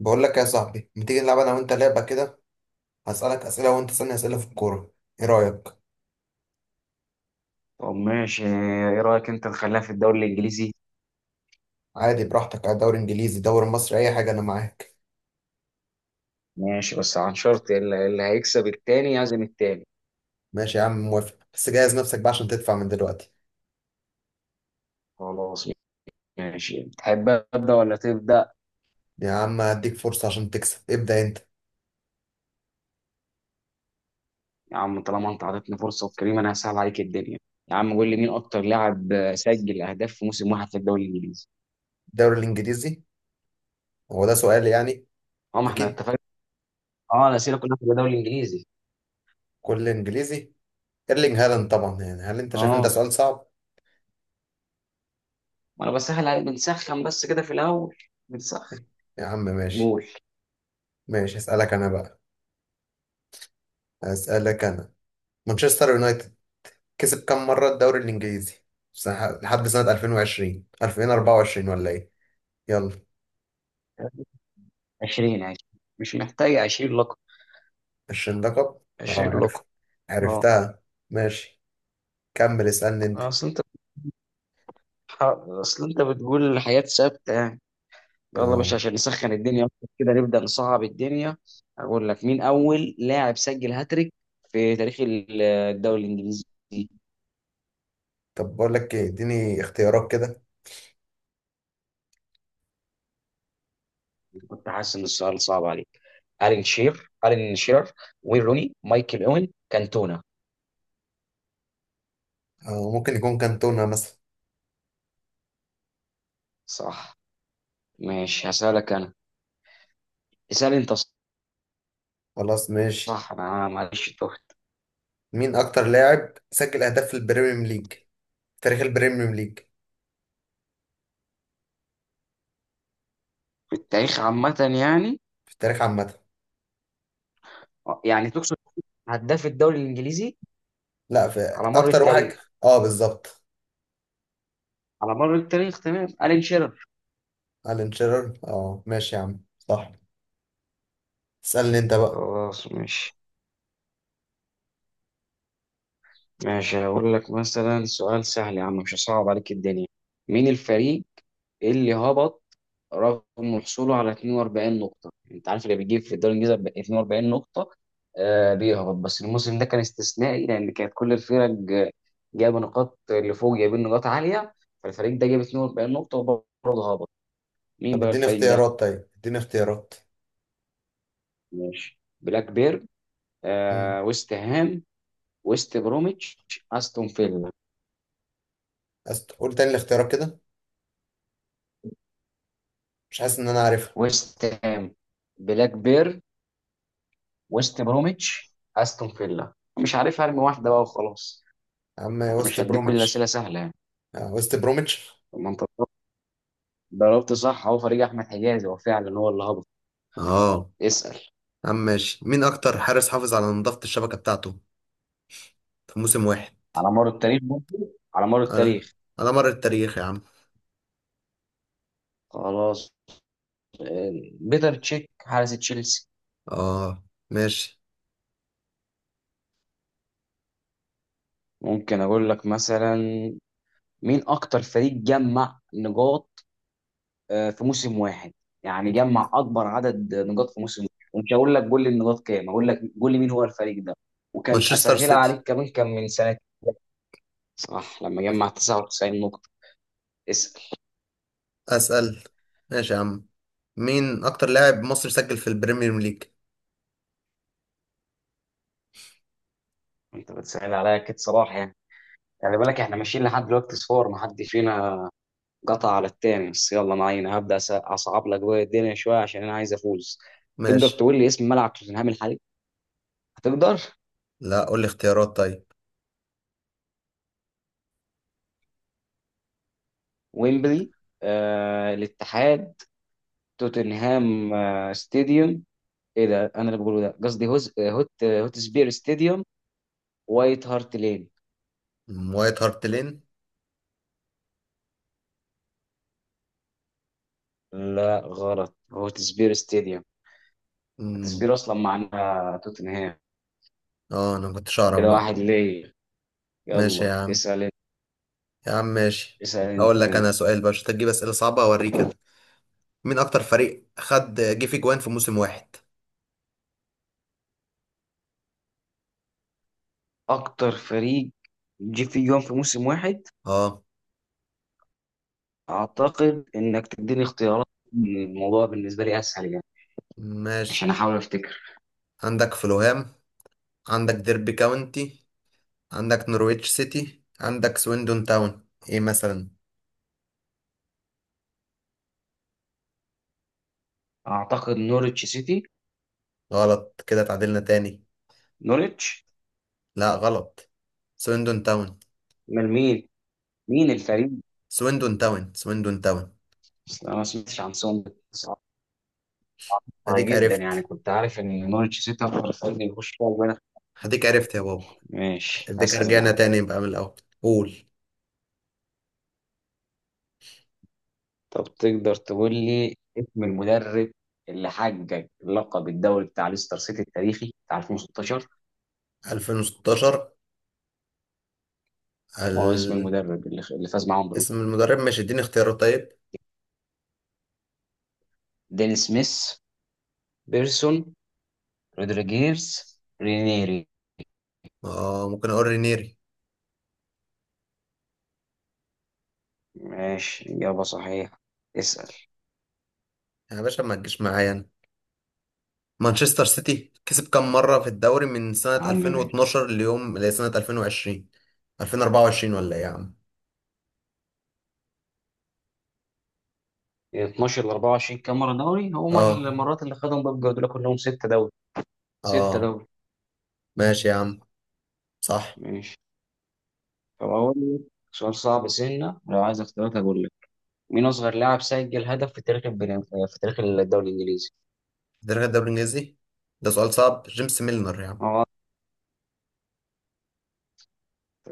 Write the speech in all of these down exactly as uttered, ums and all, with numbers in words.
بقول لك يا صاحبي، ما تيجي نلعب انا وانت لعبه كده؟ هسالك اسئله وانت تسالني اسئله في الكوره، ايه رايك؟ طب ماشي، ايه رأيك انت نخليها في الدوري الانجليزي؟ عادي، براحتك، على دوري انجليزي دوري مصري اي حاجه، انا معاك. ماشي بس عن شرط اللي اللي هيكسب التاني يعزم التاني. ماشي يا عم موافق، بس جهز نفسك بقى عشان تدفع من دلوقتي. خلاص. ماشي، تحب ابدا ولا تبدا؟ يا عم هديك فرصه عشان تكسب، ابدا انت. يا عم طالما انت عطيتني فرصه وكريم، انا هسهل عليك الدنيا. يا عم قول لي، مين اكتر لاعب سجل اهداف في موسم واحد في الدوري الانجليزي؟ الدوري الانجليزي؟ هو ده سؤال يعني؟ اه، ما احنا اكيد. اتفقنا. اه، الاسئله كلها في الدوري الانجليزي. كل انجليزي. ايرلينج هالاند طبعا، يعني هل انت شايف ان ده اه. سؤال صعب؟ ما انا بسهل عليك، بنسخن بس كده في الاول. بنسخن. يا عم ماشي. قول. ماشي اسالك انا بقى، اسالك انا. مانشستر يونايتد كسب كام مرة الدوري الإنجليزي؟ سنة- لحد سنة ألفين وعشرين ألفين وأربعة وعشرين ولا إيه؟ يلا. عشرين عشرين. مش محتاج. عشرين لقب. عشرين لقب؟ أه عشرين لقب. عرفت، اه. عرفتها. ماشي كمل اسألني أنت. اصل انت، ح- اصل انت بتقول الحياة ثابتة يعني. يلا أه. باشا، عشان نسخن الدنيا أكتر كده نبدأ نصعب الدنيا. اقول لك، مين اول لاعب سجل هاتريك في تاريخ ال- الدوري الانجليزي؟ طب بقول لك إيه، إديني اختيارات كده. كنت حاسس ان السؤال صعب عليك. الين شير الين شير، وين روني، مايكل اوين، كانتونا. أه ممكن يكون كانتونا مثلا. صح. ماشي هسألك انا. اسأل انت. خلاص ماشي. صح، انا معلش تهت. مين أكتر لاعب سجل أهداف في البريمير ليج في تاريخ البريمير ليج؟ في التاريخ عامة يعني؟ في التاريخ عامة. يعني تقصد هداف الدوري الانجليزي؟ لا، في. على مر أكتر واحد. التاريخ؟ أه بالظبط. على مر التاريخ، تمام. الين شير. ألان شيرر، أه ماشي يا عم صح. اسألني أنت بقى. خلاص ماشي. ماشي هقول لك مثلا سؤال سهل يا عم، مش هصعب عليك الدنيا. مين الفريق اللي هبط رغم حصوله على اتنين واربعين نقطة؟ انت عارف اللي بيجيب في الدوري الانجليزي ب اتنين واربعين نقطة آه بيهبط، بس الموسم ده كان استثنائي لان كانت كل الفرق آه، جايبه نقاط، اللي فوق جايبين نقاط عالية، فالفريق ده جاب اتنين واربعين نقطة وبرضه هبط. مين طب بقى اديني الفريق ده؟ اختيارات طيب، اديني اختيارات. ماشي، بلاك بيرن، امم. آه ويست هام، ويست بروميتش، استون فيلا. أست... قول تاني الاختيارات كده. مش حاسس ان انا عارفها. ويست هام، بلاك بير، ويست بروميتش، استون فيلا. مش عارف ارمي واحده بقى وخلاص. يا عم، انا وست مش هديك كل الاسئله بروميتش. سهله يعني. آه، وست بروميتش. طب ما انت ضربت صح، هو فريق احمد حجازي، هو فعلا هو اللي هبط. اه اسال. يا عم ماشي. مين اكتر حارس حافظ على نظافة الشبكة بتاعته في موسم واحد؟ على مر التاريخ برضه؟ على مر على التاريخ. على مر التاريخ يا عم. خلاص. آه، بيتر تشيك حارس تشيلسي. اه ماشي. ممكن اقول لك مثلا، مين اكتر فريق جمع نقاط آه، في موسم واحد؟ يعني جمع اكبر عدد نقاط في موسم واحد. ومش هقول لك قول لي النقاط كام، هقول لك قول لي مين هو الفريق ده. وكان مانشستر اسهلها سيتي. عليك كمان، كان من سنه. صح، لما جمع تسعة وتسعين نقطه. اسال. اسأل. ماشي يا عم، مين اكتر لاعب مصري سجل في البريمير ليج؟ انت بتسال عليا كده صراحه يعني. خلي بالك احنا ماشيين لحد دلوقتي صفار، ما حد فينا قطع على التاني، بس يلا معانا. هبدا أس- اصعب لك بقى الدنيا شويه عشان انا عايز افوز. تقدر ماشي، تقول لي اسم ملعب توتنهام الحالي؟ هتقدر. لا قول لي اختيارات طيب. ويمبلي، آه الاتحاد، توتنهام آه ستاديوم. ايه ده انا اللي بقوله ده؟ قصدي هوز... هوت هوت سبير ستاديوم. وايت هارت لين. مم، وايت هارت لين. لا غلط، هوت سبير ستاديوم. هوت مم. سبير اصلا معناها توتنهام. اه انا ما كنتش اعرف كده بقى. واحد ليه. ماشي يا يلا عم. اسال انت. يا عم ماشي، اسال انت هقول لك كده. انا سؤال بقى عشان تجيب اسئله صعبه اوريك انا. مين اكتر فريق خد جه في جوان في موسم واحد؟ اكتر فريق جه فيه جون في موسم واحد؟ اه اعتقد انك تديني اختيارات، الموضوع بالنسبه لي اسهل يعني. ماشي. عشان احاول افتكر. عندك فلوهام، عندك ديربي كاونتي، عندك نورويتش سيتي، عندك سويندون تاون، ايه مثلا. اعتقد نوريتش سيتي. غلط كده، تعادلنا تاني. نوريتش. لا غلط، سويندون تاون. من مين؟ مين الفريق؟ سويندون تاون سويندون تاون. أصل انا ما سمعتش عن سون. طيب هديك جدا، يعني عرفت، كنت عارف ان نورتش سيتي اكتر فريق بيخش فيها جوان. هديك عرفت يا بابا. ماشي هديك هسأل انا يا رجعنا عم. تاني يبقى من الاول. قول. طب تقدر تقول لي اسم المدرب اللي حقق لقب الدوري بتاع ليستر سيتي التاريخي بتاع ألفين وستة عشر؟ ألفين وستاشر. ما هو اسم ال... المدرب اللي اللي فاز معاهم بالبطولة؟ اسم المدرب، ماشي اديني اختيارات طيب. ديل سميث، بيرسون، رودريجيرز، رينيري. اه ممكن اقول رينيري. ماشي إجابة صحيحة. اسأل. يا باشا ما تجيش معايا انا. مانشستر سيتي كسب كام مرة في الدوري من سنة يا عم ماشي. ألفين واتناشر ليوم لسنة ألفين وعشرين ألفين وأربعة وعشرين ولا ايه يا عم؟ اتناشر ل اربعة وعشرين كام مرة دوري، هما اه. المرات اللي خدهم بيب جوارديولا كلهم ستة دوري. ستة اه دوري. ماشي يا عم، صح. ماشي. فبقول لك سؤال صعب سنة، لو عايز اختيارات هقول لك. مين أصغر لاعب سجل هدف في تاريخ البريم... في تاريخ الدوري الإنجليزي؟ درجة الدوري الانجليزي. ده سؤال صعب، جيمس ميلنر يا عم. اه،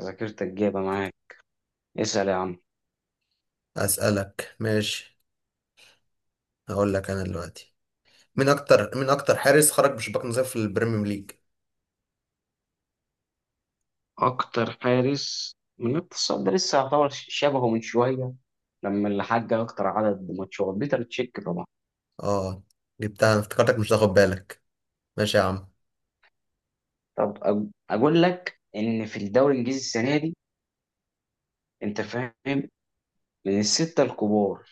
ذاكرتك جايبة معاك. اسأل يا عم. اسألك ماشي. هقول لك انا دلوقتي، مين اكتر مين اكتر حارس خرج بشباك نظيف في البريمير ليج؟ أكتر حارس من التصاب ده لسه يعتبر شبهه من شوية، لما اللي حقق أكتر عدد ماتشات بيتر تشيك طبعا. اه، جبتها انا، افتكرتك مش هتاخد بالك. ماشي يا عم. طب أج- أقول لك إن في الدوري الإنجليزي السنة دي، أنت فاهم، من الستة الكبار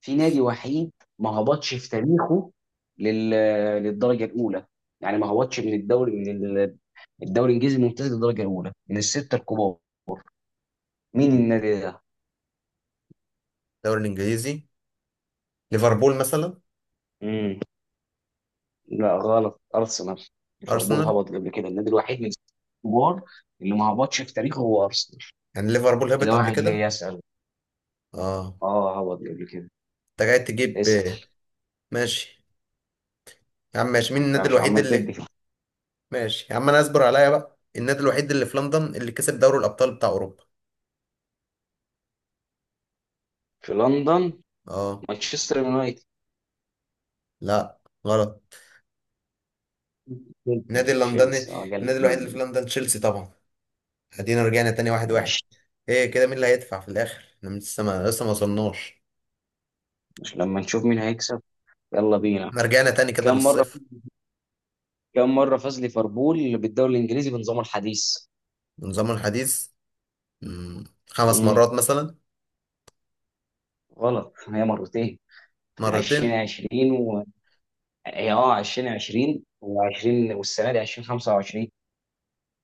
في نادي وحيد ما هبطش في تاريخه لل... للدرجه الاولى. يعني ما هبطش من الدوري من ال- الدوري الانجليزي الممتاز للدرجه الاولى من السته الكبار. مين النادي ده؟ الدوري الانجليزي، ليفربول مثلا. مم. لا غلط، ارسنال. ليفربول ارسنال؟ هبط قبل كده. النادي الوحيد من السته الكبار اللي ما هبطش في تاريخه هو ارسنال. يعني ليفربول هبط كده قبل واحد ليه. كده؟ يسال. اه. اه هبط قبل كده. انت جاي تجيب. اسال ماشي. يا عم ماشي، مين انت النادي مش الوحيد عمال تدي اللي؟ في. ماشي يا عم، انا اصبر عليا بقى. النادي الوحيد اللي في لندن اللي كسب دوري الابطال بتاع اوروبا. في لندن؟ اه. مانشستر يونايتد. لا غلط. النادي اللندني. تشيلسي اه، النادي قلت مني الوحيد اللي في دي. لندن تشيلسي طبعا. ادينا رجعنا تاني، واحد واحد. ماشي. ايه كده، مين اللي هيدفع في الاخر؟ احنا لسه ما لسه ما وصلناش. مش لما نشوف مين هيكسب. يلا بينا. احنا رجعنا تاني كده كم مرة، للصفر. كم مرة فاز ليفربول بالدوري الإنجليزي بنظامه الحديث؟ نظام الحديث. مم، خمس مم. مرات مثلا. غلط، هي مرتين. مرتين. الفين وعشرين و، هي اه ألفين وعشرون و20 والسنة دي ألفين وخمسة وعشرين.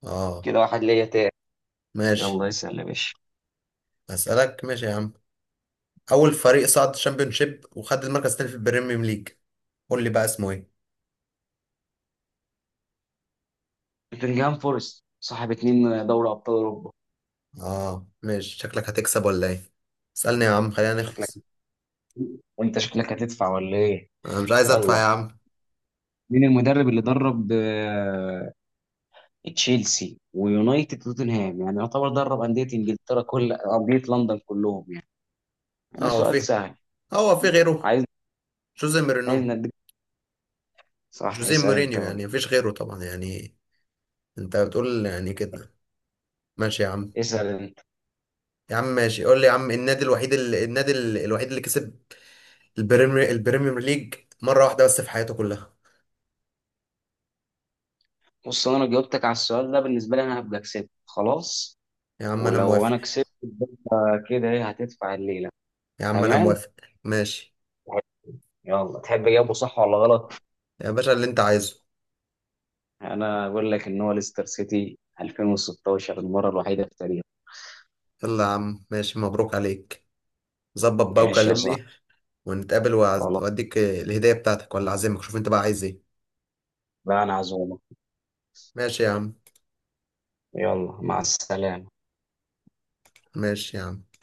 اه كده واحد ليا تاني. ماشي. يلا اسأل يا باشا. اسالك ماشي يا عم، اول فريق صعد شيب وخد المركز الثاني في البريميوم ليج، قول لي بقى اسمه ايه. نوتنجهام فورست صاحب اتنين دوري أبطال أوروبا. اه ماشي، شكلك هتكسب ولا ايه؟ اسالني يا عم خلينا شكلك. نخلص. وأنت شكلك هتدفع ولا إيه؟ انا مش عايز ادفع يلا. يا عم. مين المدرب اللي درب آه، تشيلسي ويونايتد وتوتنهام، يعني يعتبر درب أندية إنجلترا، كل أندية لندن كلهم يعني. اه هو سؤال في. سهل. هو في غيره. عايز جوزيه عايز مورينو. نديك. صح. جوزيه اسأل انت مورينيو، بقى. يعني مفيش غيره طبعا يعني. انت بتقول يعني كده. ماشي يا عم. اسأل انت. يا عم ماشي، قول لي يا عم، النادي الوحيد اللي النادي ال- الوحيد اللي كسب البريمير البريميوم ليج مره واحده بس في حياته كلها. بص، انا لو جاوبتك على السؤال ده بالنسبة لي انا هبقى كسبت خلاص. يا عم انا ولو موافق. انا كسبت يبقى كده، ايه هتدفع الليلة؟ يا عم انا تمام. موافق. ماشي. يلا تحب اجاوبه صح ولا غلط؟ يا باشا اللي انت عايزه. انا اقول لك ان هو ليستر سيتي الفين وستاشر، المرة الوحيدة في التاريخ. يلا يا عم ماشي، مبروك عليك. ظبط بقى ماشي يا صاحبي. وكلمني، ونتقابل وأعز- خلاص وأديك الهدية بتاعتك ولا أعزمك، شوف أنت بقى عايز إيه. بقى انا عزومة. ماشي يا عم. يلا مع السلامة. ماشي يا عم.